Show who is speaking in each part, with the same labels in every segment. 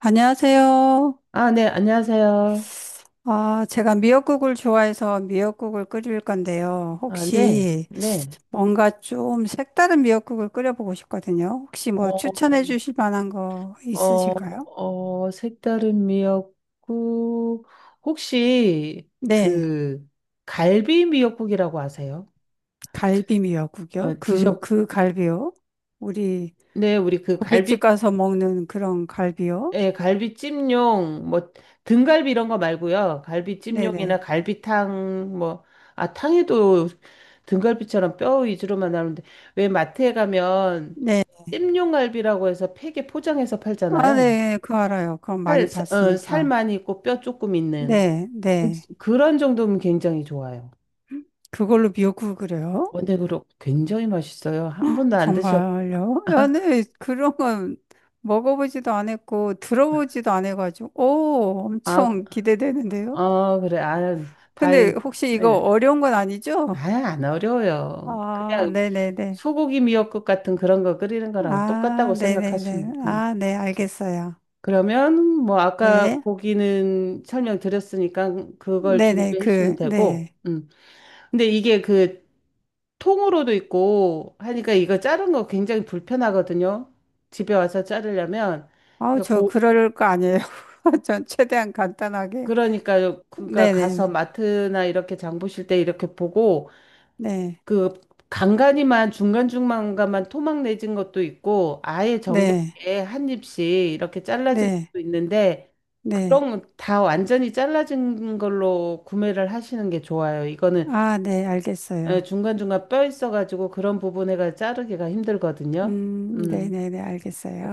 Speaker 1: 안녕하세요.
Speaker 2: 아, 네, 안녕하세요.
Speaker 1: 아, 제가 미역국을 좋아해서 미역국을 끓일 건데요.
Speaker 2: 아, 네,
Speaker 1: 혹시
Speaker 2: 네.
Speaker 1: 뭔가 좀 색다른 미역국을 끓여보고 싶거든요. 혹시 뭐
Speaker 2: 어,
Speaker 1: 추천해 주실 만한 거
Speaker 2: 어,
Speaker 1: 있으실까요?
Speaker 2: 색다른 미역국. 혹시
Speaker 1: 네,
Speaker 2: 그 갈비 미역국이라고 아세요?
Speaker 1: 갈비
Speaker 2: 어,
Speaker 1: 미역국이요.
Speaker 2: 드셔,
Speaker 1: 그 갈비요. 우리
Speaker 2: 네, 우리 그
Speaker 1: 고깃집
Speaker 2: 갈비,
Speaker 1: 가서 먹는 그런 갈비요.
Speaker 2: 예, 갈비찜용, 뭐, 등갈비 이런 거 말고요. 갈비찜용이나
Speaker 1: 네네.
Speaker 2: 갈비탕, 뭐, 아, 탕에도 등갈비처럼 뼈 위주로만 나오는데, 왜 마트에 가면
Speaker 1: 네.
Speaker 2: 찜용 갈비라고 해서 팩에 포장해서
Speaker 1: 아,
Speaker 2: 팔잖아요.
Speaker 1: 네, 그거 알아요. 그건 많이
Speaker 2: 살
Speaker 1: 봤으니까.
Speaker 2: 많이 있고 뼈 조금 있는
Speaker 1: 네,
Speaker 2: 그-
Speaker 1: 네.
Speaker 2: 그런 정도면 굉장히 좋아요.
Speaker 1: 그걸로 미역국을 끓여요?
Speaker 2: 원액으로 굉장히 맛있어요. 한 번도 안 드셔.
Speaker 1: 정말요? 아니, 그런 건 먹어보지도 안했고 들어보지도 안해가지고 오,
Speaker 2: 아,
Speaker 1: 엄청 기대되는데요?
Speaker 2: 그래. 아,
Speaker 1: 근데
Speaker 2: 다행.
Speaker 1: 혹시
Speaker 2: 네.
Speaker 1: 이거
Speaker 2: 네.
Speaker 1: 어려운 건 아니죠?
Speaker 2: 아, 안 어려워요.
Speaker 1: 아,
Speaker 2: 그냥
Speaker 1: 네네네.
Speaker 2: 소고기 미역국 같은 그런 거 끓이는 거랑
Speaker 1: 아,
Speaker 2: 똑같다고
Speaker 1: 네네네.
Speaker 2: 생각하시면. 음.
Speaker 1: 아, 네, 알겠어요.
Speaker 2: 그러면 뭐 아까
Speaker 1: 네.
Speaker 2: 고기는 설명드렸으니까 그걸
Speaker 1: 네네,
Speaker 2: 준비해 주시면
Speaker 1: 그,
Speaker 2: 되고.
Speaker 1: 네.
Speaker 2: 음. 근데 이게 그 통으로도 있고 하니까 이거 자른 거 굉장히 불편하거든요. 집에 와서 자르려면
Speaker 1: 아우,
Speaker 2: 그러니까
Speaker 1: 저
Speaker 2: 고
Speaker 1: 그럴 거 아니에요. 전 최대한 간단하게.
Speaker 2: 그러니까 그러니까 가서
Speaker 1: 네네네.
Speaker 2: 마트나 이렇게 장 보실 때 이렇게 보고
Speaker 1: 네.
Speaker 2: 그 간간이만 중간중간만 토막 내진 것도 있고 아예
Speaker 1: 네.
Speaker 2: 정겹게 한 입씩 이렇게 잘라진
Speaker 1: 네.
Speaker 2: 것도 있는데
Speaker 1: 네.
Speaker 2: 그런 거다 완전히 잘라진 걸로 구매를 하시는 게 좋아요. 이거는
Speaker 1: 아, 네, 알겠어요.
Speaker 2: 에, 중간중간 뼈 있어가지고 그런 부분에가 자르기가 힘들거든요. 음.
Speaker 1: 네네네,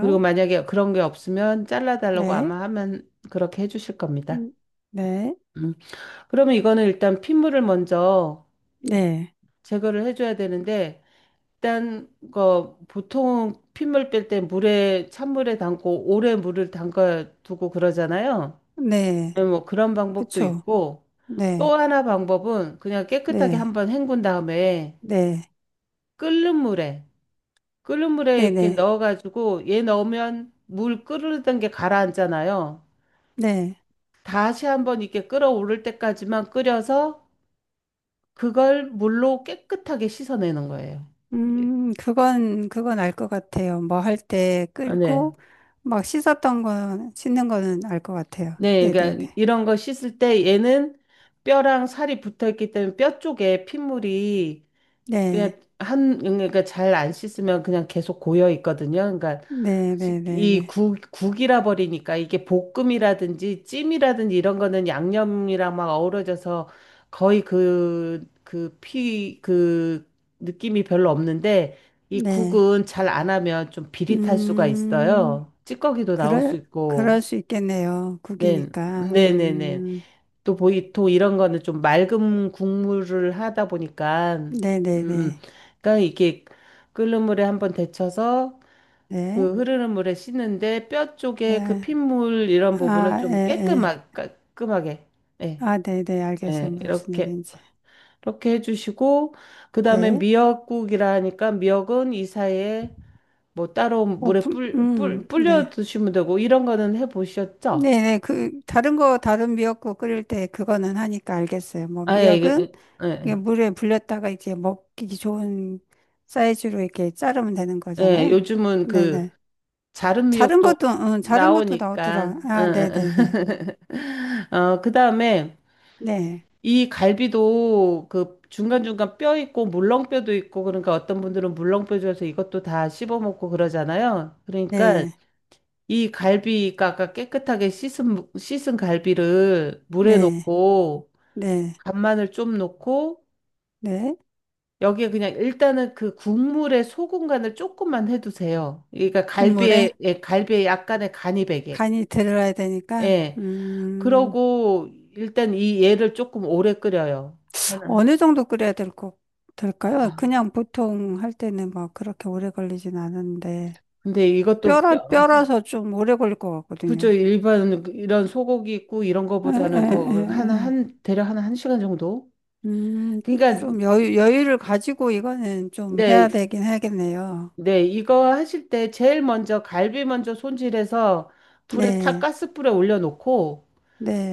Speaker 2: 그리고 만약에 그런 게 없으면 잘라달라고
Speaker 1: 네.
Speaker 2: 아마 하면 그렇게 해주실 겁니다.
Speaker 1: 음, 네,
Speaker 2: 음. 그러면 이거는 일단 핏물을 먼저
Speaker 1: 네,
Speaker 2: 제거를 해줘야 되는데, 일단, 그, 보통 핏물 뺄 때 물에, 찬물에 담고 오래 물을 담가 두고 그러잖아요.
Speaker 1: 네,
Speaker 2: 네, 뭐 그런 방법도
Speaker 1: 그쵸.
Speaker 2: 있고, 또
Speaker 1: 네,
Speaker 2: 하나 방법은 그냥 깨끗하게
Speaker 1: 네,
Speaker 2: 한번 헹군 다음에
Speaker 1: 네,
Speaker 2: 끓는 물에, 끓는 물에
Speaker 1: 네,
Speaker 2: 이렇게
Speaker 1: 네,
Speaker 2: 넣어가지고 얘 넣으면 물 끓는 게 가라앉잖아요.
Speaker 1: 네.
Speaker 2: 다시 한번 이렇게 끓어오를 때까지만 끓여서 그걸 물로 깨끗하게 씻어내는 거예요. 예.
Speaker 1: 그건, 그건 알 것 같아요. 뭐 할 때
Speaker 2: 아, 네.
Speaker 1: 끓고, 막 씻었던 건, 씻는 거는 알 것 같아요.
Speaker 2: 네,
Speaker 1: 네, 네,
Speaker 2: 그러니까
Speaker 1: 네.
Speaker 2: 이런 거 씻을 때 얘는 뼈랑 살이 붙어 있기 때문에 뼈 쪽에 핏물이
Speaker 1: 네,
Speaker 2: 그냥 한 그러니까 잘 안 씻으면 그냥 계속 고여 있거든요. 그러니까
Speaker 1: 네, 네, 네,
Speaker 2: 이
Speaker 1: 네.
Speaker 2: 국이라 버리니까 이게 볶음이라든지 찜이라든지 이런 거는 양념이랑 막 어우러져서 거의 그, 그 느낌이 별로 없는데 이
Speaker 1: 네.
Speaker 2: 국은 잘 안 하면 좀 비릿할 수가
Speaker 1: 음,
Speaker 2: 있어요. 찌꺼기도 나올 수
Speaker 1: 그럴,
Speaker 2: 있고.
Speaker 1: 그럴 수 있겠네요.
Speaker 2: 네,
Speaker 1: 국이니까.
Speaker 2: 네네네. 또 보이토 이런 거는 좀 맑은 국물을 하다 보니까
Speaker 1: 네, 네,
Speaker 2: 음.
Speaker 1: 네.
Speaker 2: 그러니까 이게 끓는 물에 한번 데쳐서
Speaker 1: 네,
Speaker 2: 그 흐르는 물에 씻는데 뼈 쪽에 그
Speaker 1: 네.
Speaker 2: 핏물 이런 부분은
Speaker 1: 아, 예,
Speaker 2: 좀
Speaker 1: 예.
Speaker 2: 깨끗하게 깔끔하게 예,
Speaker 1: 아, 네, 네, 알겠어요.
Speaker 2: 예,
Speaker 1: 무슨
Speaker 2: 이렇게
Speaker 1: 얘기인지.
Speaker 2: 이렇게 해주시고 그다음에
Speaker 1: 네.
Speaker 2: 미역국이라 하니까 미역은 이 사이에 뭐 따로
Speaker 1: 어,
Speaker 2: 물에 불려
Speaker 1: 네.
Speaker 2: 두시면 되고 이런 거는 해보셨죠?
Speaker 1: 네, 네. 그, 다른 미역국 끓일 때 그거는 하니까 알겠어요. 뭐,
Speaker 2: 아예
Speaker 1: 미역은
Speaker 2: 이게 예,
Speaker 1: 이게
Speaker 2: 예.
Speaker 1: 물에 불렸다가 이제 먹기 좋은 사이즈로 이렇게 자르면 되는
Speaker 2: 예,
Speaker 1: 거잖아요.
Speaker 2: 요즘은
Speaker 1: 네,
Speaker 2: 그
Speaker 1: 네.
Speaker 2: 자른
Speaker 1: 자른
Speaker 2: 미역도
Speaker 1: 것도, 응, 자른 것도
Speaker 2: 나오니까.
Speaker 1: 나오더라.
Speaker 2: 응,
Speaker 1: 아, 네,
Speaker 2: 응,
Speaker 1: 네, 네.
Speaker 2: 응. 어, 그다음에
Speaker 1: 네,
Speaker 2: 이 갈비도 그 중간중간 뼈 있고 물렁뼈도 있고 그러니까 어떤 분들은 물렁뼈 줘서 이것도 다 씹어 먹고 그러잖아요. 그러니까
Speaker 1: 네,
Speaker 2: 이 갈비가 아까 깨끗하게 씻은 씻은 갈비를 물에
Speaker 1: 네,
Speaker 2: 넣고
Speaker 1: 네,
Speaker 2: 간마늘 좀 넣고
Speaker 1: 네.
Speaker 2: 여기에 그냥 일단은 그 국물에 소금 간을 조금만 해두세요. 그러니까
Speaker 1: 국물에
Speaker 2: 갈비에 예, 갈비에 약간의 간이 배게.
Speaker 1: 간이 들어야 되니까,
Speaker 2: 예. 그러고 일단 이 얘를 조금 오래 끓여요. 하나.
Speaker 1: 어느 정도 끓여야 될까요?
Speaker 2: 아,
Speaker 1: 그냥 보통 할 때는 막 그렇게 오래 걸리진 않은데,
Speaker 2: 근데 이것도 뼈.
Speaker 1: 뼈라서 좀 오래 걸릴 것
Speaker 2: 그죠
Speaker 1: 같거든요.
Speaker 2: 일반 이런 소고기 있고 이런
Speaker 1: 에, 에,
Speaker 2: 거보다는 더 하나
Speaker 1: 에, 에.
Speaker 2: 한 대략 하나 한 시간 정도?
Speaker 1: 음,
Speaker 2: 그러니까
Speaker 1: 좀 여유를 가지고 이거는 좀 해야
Speaker 2: 네,
Speaker 1: 되긴 하겠네요.
Speaker 2: 네 이거 하실 때 제일 먼저 갈비 먼저 손질해서 불에 탁
Speaker 1: 네,
Speaker 2: 가스불에 올려놓고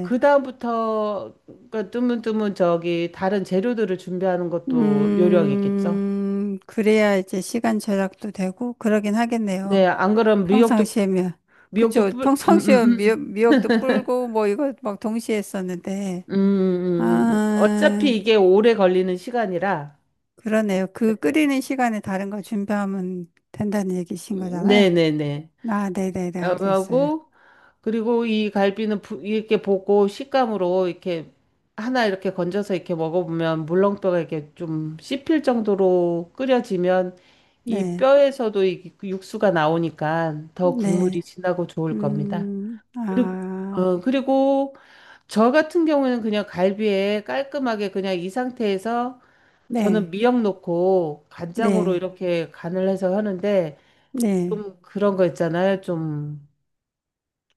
Speaker 2: 그 다음부터 그 뜨문뜨문 저기 다른 재료들을 준비하는 것도 요령이겠죠?
Speaker 1: 그래야 이제 시간 절약도 되고, 그러긴
Speaker 2: 네,
Speaker 1: 하겠네요.
Speaker 2: 안 그러면
Speaker 1: 평상시에면.
Speaker 2: 미역도
Speaker 1: 그쵸. 평상시에 미역도 불고, 뭐 이거 막 동시에 했었는데. 아,
Speaker 2: 어차피 이게 오래 걸리는 시간이라,
Speaker 1: 그러네요. 그 끓이는 시간에 다른 거 준비하면 된다는 얘기신 거잖아요.
Speaker 2: 네네네.
Speaker 1: 아, 네네네, 알겠어요.
Speaker 2: 하고, 그리고 이 갈비는 이렇게 보고 식감으로 이렇게 하나 이렇게 건져서 이렇게 먹어보면 물렁뼈가 이렇게 좀 씹힐 정도로 끓여지면 이
Speaker 1: 네,
Speaker 2: 뼈에서도 이 그 육수가 나오니까 더
Speaker 1: 네,
Speaker 2: 국물이 진하고 좋을 겁니다. 그리고,
Speaker 1: 아,
Speaker 2: 그리고 저 같은 경우에는 그냥 갈비에 깔끔하게 그냥 이 상태에서 저는
Speaker 1: 네,
Speaker 2: 미역 넣고 간장으로
Speaker 1: 네,
Speaker 2: 이렇게 간을 해서 하는데
Speaker 1: 네,
Speaker 2: 좀 그런 거 있잖아요. 좀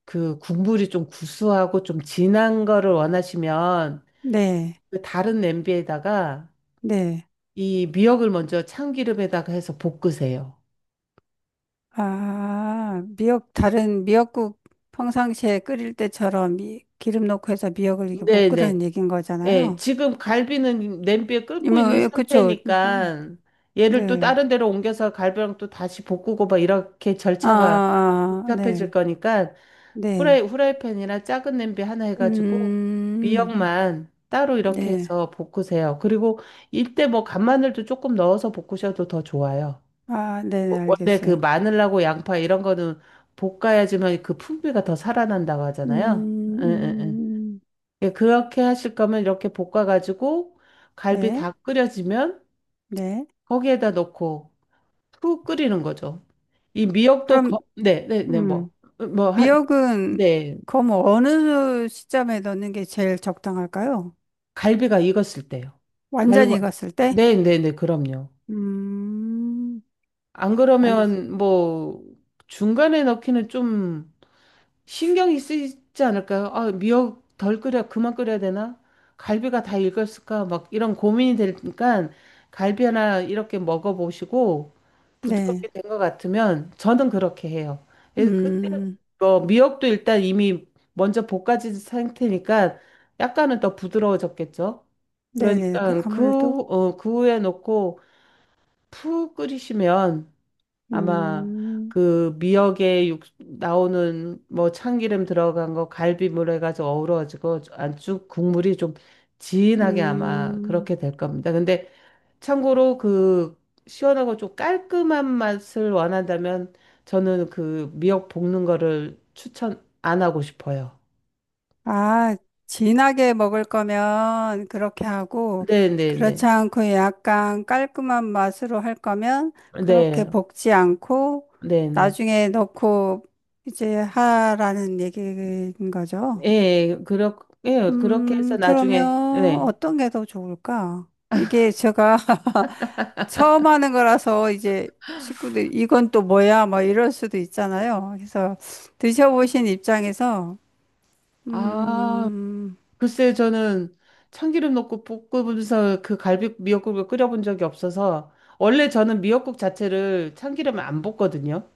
Speaker 2: 그 국물이 좀 구수하고 좀 진한 거를 원하시면
Speaker 1: 네,
Speaker 2: 그 다른 냄비에다가
Speaker 1: 네.
Speaker 2: 이 미역을 먼저 참기름에다가 해서 볶으세요.
Speaker 1: 아, 미역, 다른 미역국 평상시에 끓일 때처럼 기름 넣고 해서 미역을 이렇게 못
Speaker 2: 네네.
Speaker 1: 끓이는 얘기인
Speaker 2: 예,
Speaker 1: 거잖아요.
Speaker 2: 지금 갈비는 냄비에 끓고
Speaker 1: 이모,
Speaker 2: 있는
Speaker 1: 예, 그쵸.
Speaker 2: 상태니까 얘를 또
Speaker 1: 네.
Speaker 2: 다른 데로 옮겨서 갈비랑 또 다시 볶고 막 이렇게
Speaker 1: 아, 아,
Speaker 2: 절차가
Speaker 1: 아, 아,
Speaker 2: 복잡해질
Speaker 1: 네,
Speaker 2: 거니까
Speaker 1: 네.
Speaker 2: 후라이팬이나 작은 냄비 하나 해가지고
Speaker 1: 음,
Speaker 2: 미역만 따로 이렇게
Speaker 1: 네.
Speaker 2: 해서 볶으세요. 그리고 이때 뭐 간마늘도 조금 넣어서 볶으셔도 더 좋아요.
Speaker 1: 아,
Speaker 2: 어,
Speaker 1: 네네,
Speaker 2: 원래 그
Speaker 1: 알겠어요. 그,
Speaker 2: 마늘하고 양파 이런 거는 볶아야지만 그 풍미가 더 살아난다고 하잖아요. 응,
Speaker 1: 음,
Speaker 2: 응, 응.
Speaker 1: 음,
Speaker 2: 예, 그렇게 하실 거면 이렇게 볶아가지고 갈비
Speaker 1: 네,
Speaker 2: 다 끓여지면
Speaker 1: 네.
Speaker 2: 거기에다 넣고 푹 끓이는 거죠. 이 미역도
Speaker 1: 그럼,
Speaker 2: 거, 네, 네, 네, 뭐,
Speaker 1: 음,
Speaker 2: 뭐, 한,
Speaker 1: 미역은,
Speaker 2: 네.
Speaker 1: 그럼 어느 시점에 넣는 게 제일 적당할까요?
Speaker 2: 갈비가 익었을 때요.
Speaker 1: 완전히
Speaker 2: 갈비가
Speaker 1: 익었을 때?
Speaker 2: 네, 네, 네, 그럼요.
Speaker 1: 음,
Speaker 2: 안
Speaker 1: 완,
Speaker 2: 그러면 뭐 중간에 넣기는 좀 신경이 쓰이지 않을까요? 아, 미역 덜 끓여, 그만 끓여야 되나? 갈비가 다 익었을까? 막 이런 고민이 되니까 갈비 하나 이렇게 먹어보시고 부드럽게
Speaker 1: 네.
Speaker 2: 된 것 같으면 저는 그렇게 해요. 그래서 그때
Speaker 1: 음,
Speaker 2: 미역도 일단 이미 먼저 볶아진 상태니까 약간은 더 부드러워졌겠죠?
Speaker 1: 네네. 그
Speaker 2: 그러니까 그,
Speaker 1: 아무래도,
Speaker 2: 그 후에 넣고 푹 끓이시면 아마
Speaker 1: 음,
Speaker 2: 그 미역에 나오는 뭐 참기름 들어간 거 갈비물 해가지고 어우러지고 안쪽 국물이 좀 진하게 아마
Speaker 1: 음.
Speaker 2: 그렇게 될 겁니다. 근데 참고로 그 시원하고 좀 깔끔한 맛을 원한다면 저는 그 미역 볶는 거를 추천 안 하고 싶어요.
Speaker 1: 아, 진하게 먹을 거면 그렇게 하고, 그렇지
Speaker 2: 네네네.
Speaker 1: 않고 약간 깔끔한 맛으로 할 거면 그렇게
Speaker 2: 네.
Speaker 1: 볶지 않고,
Speaker 2: 네네.
Speaker 1: 나중에 넣고 이제 하라는 얘기인 거죠.
Speaker 2: 예, 예, 그렇게 해서 나중에,
Speaker 1: 그러면
Speaker 2: 네.
Speaker 1: 어떤 게 더 좋을까? 이게 제가 처음 하는 거라서 이제 식구들 이건 또 뭐야? 뭐 이럴 수도 있잖아요. 그래서 드셔보신 입장에서,
Speaker 2: 아,
Speaker 1: 음,
Speaker 2: 글쎄, 저는 참기름 넣고 볶으면서 그 갈비 미역국을 끓여본 적이 없어서, 원래 저는 미역국 자체를 참기름을 안 볶거든요.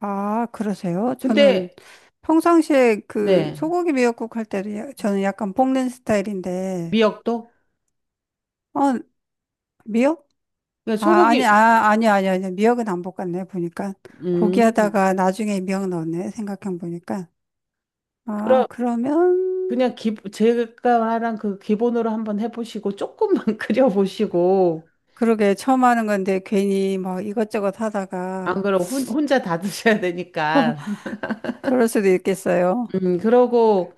Speaker 1: 아, 그러세요? 저는
Speaker 2: 근데,
Speaker 1: 평상시에 그
Speaker 2: 네,
Speaker 1: 소고기 미역국 할 때도 저는 약간 볶는 스타일인데,
Speaker 2: 미역도?
Speaker 1: 어, 미역?
Speaker 2: 그냥
Speaker 1: 아, 아니,
Speaker 2: 소고기,
Speaker 1: 아, 아니, 아니, 아니. 미역은 안 볶았네, 보니까. 고기
Speaker 2: 음,
Speaker 1: 하다가 나중에 미역 넣었네, 생각해 보니까. 아,
Speaker 2: 그럼,
Speaker 1: 그러면,
Speaker 2: 그냥 제가 말한 그 기본으로 한번 해보시고, 조금만 끓여보시고,
Speaker 1: 그러게, 처음 하는 건데 괜히 뭐 이것저것 하다가
Speaker 2: 안그면 혼자 다 드셔야 되니까.
Speaker 1: 그럴 수도 있겠어요.
Speaker 2: 그러고,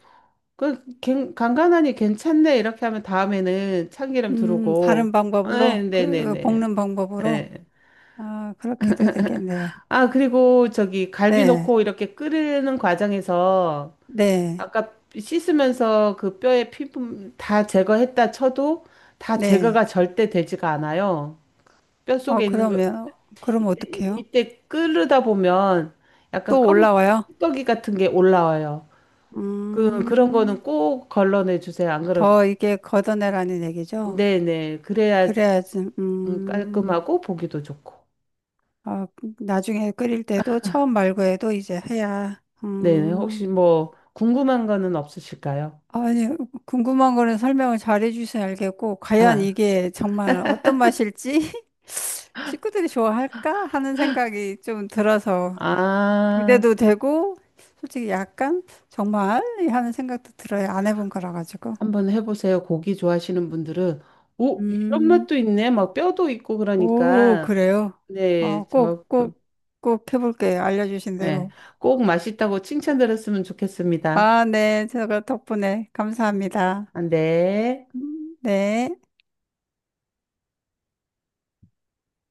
Speaker 2: 그, 간간하니 괜찮네. 이렇게 하면 다음에는 참기름 두르고,
Speaker 1: 다른
Speaker 2: 네,
Speaker 1: 방법으로,
Speaker 2: 네, 네,
Speaker 1: 그,
Speaker 2: 네.
Speaker 1: 볶는 방법으로.
Speaker 2: 네.
Speaker 1: 아, 그렇게 도 되겠네.
Speaker 2: 아, 그리고 저기 갈비
Speaker 1: 네,
Speaker 2: 넣고 이렇게 끓이는 과정에서
Speaker 1: 네,
Speaker 2: 아까 씻으면서 그 뼈에 피부 다 제거했다 쳐도 다
Speaker 1: 네.
Speaker 2: 제거가 절대 되지가 않아요. 뼈
Speaker 1: 어,
Speaker 2: 속에 있는 거
Speaker 1: 그럼
Speaker 2: 이때,
Speaker 1: 어떡해요?
Speaker 2: 이때 끓이다 보면 약간
Speaker 1: 또
Speaker 2: 검은
Speaker 1: 올라와요?
Speaker 2: 떡이 같은 게 올라와요. 그 그런
Speaker 1: 음,
Speaker 2: 거는 꼭 걸러내 주세요. 안 그러면
Speaker 1: 더 이게 걷어내라는 얘기죠?
Speaker 2: 네네 그래야
Speaker 1: 그래야지,
Speaker 2: 깔끔하고 보기도 좋고.
Speaker 1: 어, 나중에 끓일 때도 처음 말고 해도 이제 해야,
Speaker 2: 네네 혹시 뭐 궁금한 거는 없으실까요?
Speaker 1: 아니, 궁금한 거는 설명을 잘 해주셔야 알겠고, 과연
Speaker 2: 아.
Speaker 1: 이게 정말 어떤 맛일지 식구들이 좋아할까 하는 생각이 좀 들어서
Speaker 2: 아,
Speaker 1: 기대도 되고, 솔직히 약간 정말 하는 생각도 들어요. 안 해본 거라 가지고.
Speaker 2: 한번 해보세요. 고기 좋아하시는 분들은, 오, 이런
Speaker 1: 음.
Speaker 2: 맛도 있네. 막 뼈도 있고
Speaker 1: 오,
Speaker 2: 그러니까.
Speaker 1: 그래요? 어,
Speaker 2: 네, 저,
Speaker 1: 꼭,
Speaker 2: 그,
Speaker 1: 꼭, 꼭 해볼게요. 알려주신
Speaker 2: 예,
Speaker 1: 대로.
Speaker 2: 꼭 맛있다고 칭찬 들었으면 좋겠습니다.
Speaker 1: 아, 네. 제가 덕분에 감사합니다.
Speaker 2: 안 돼.
Speaker 1: 네.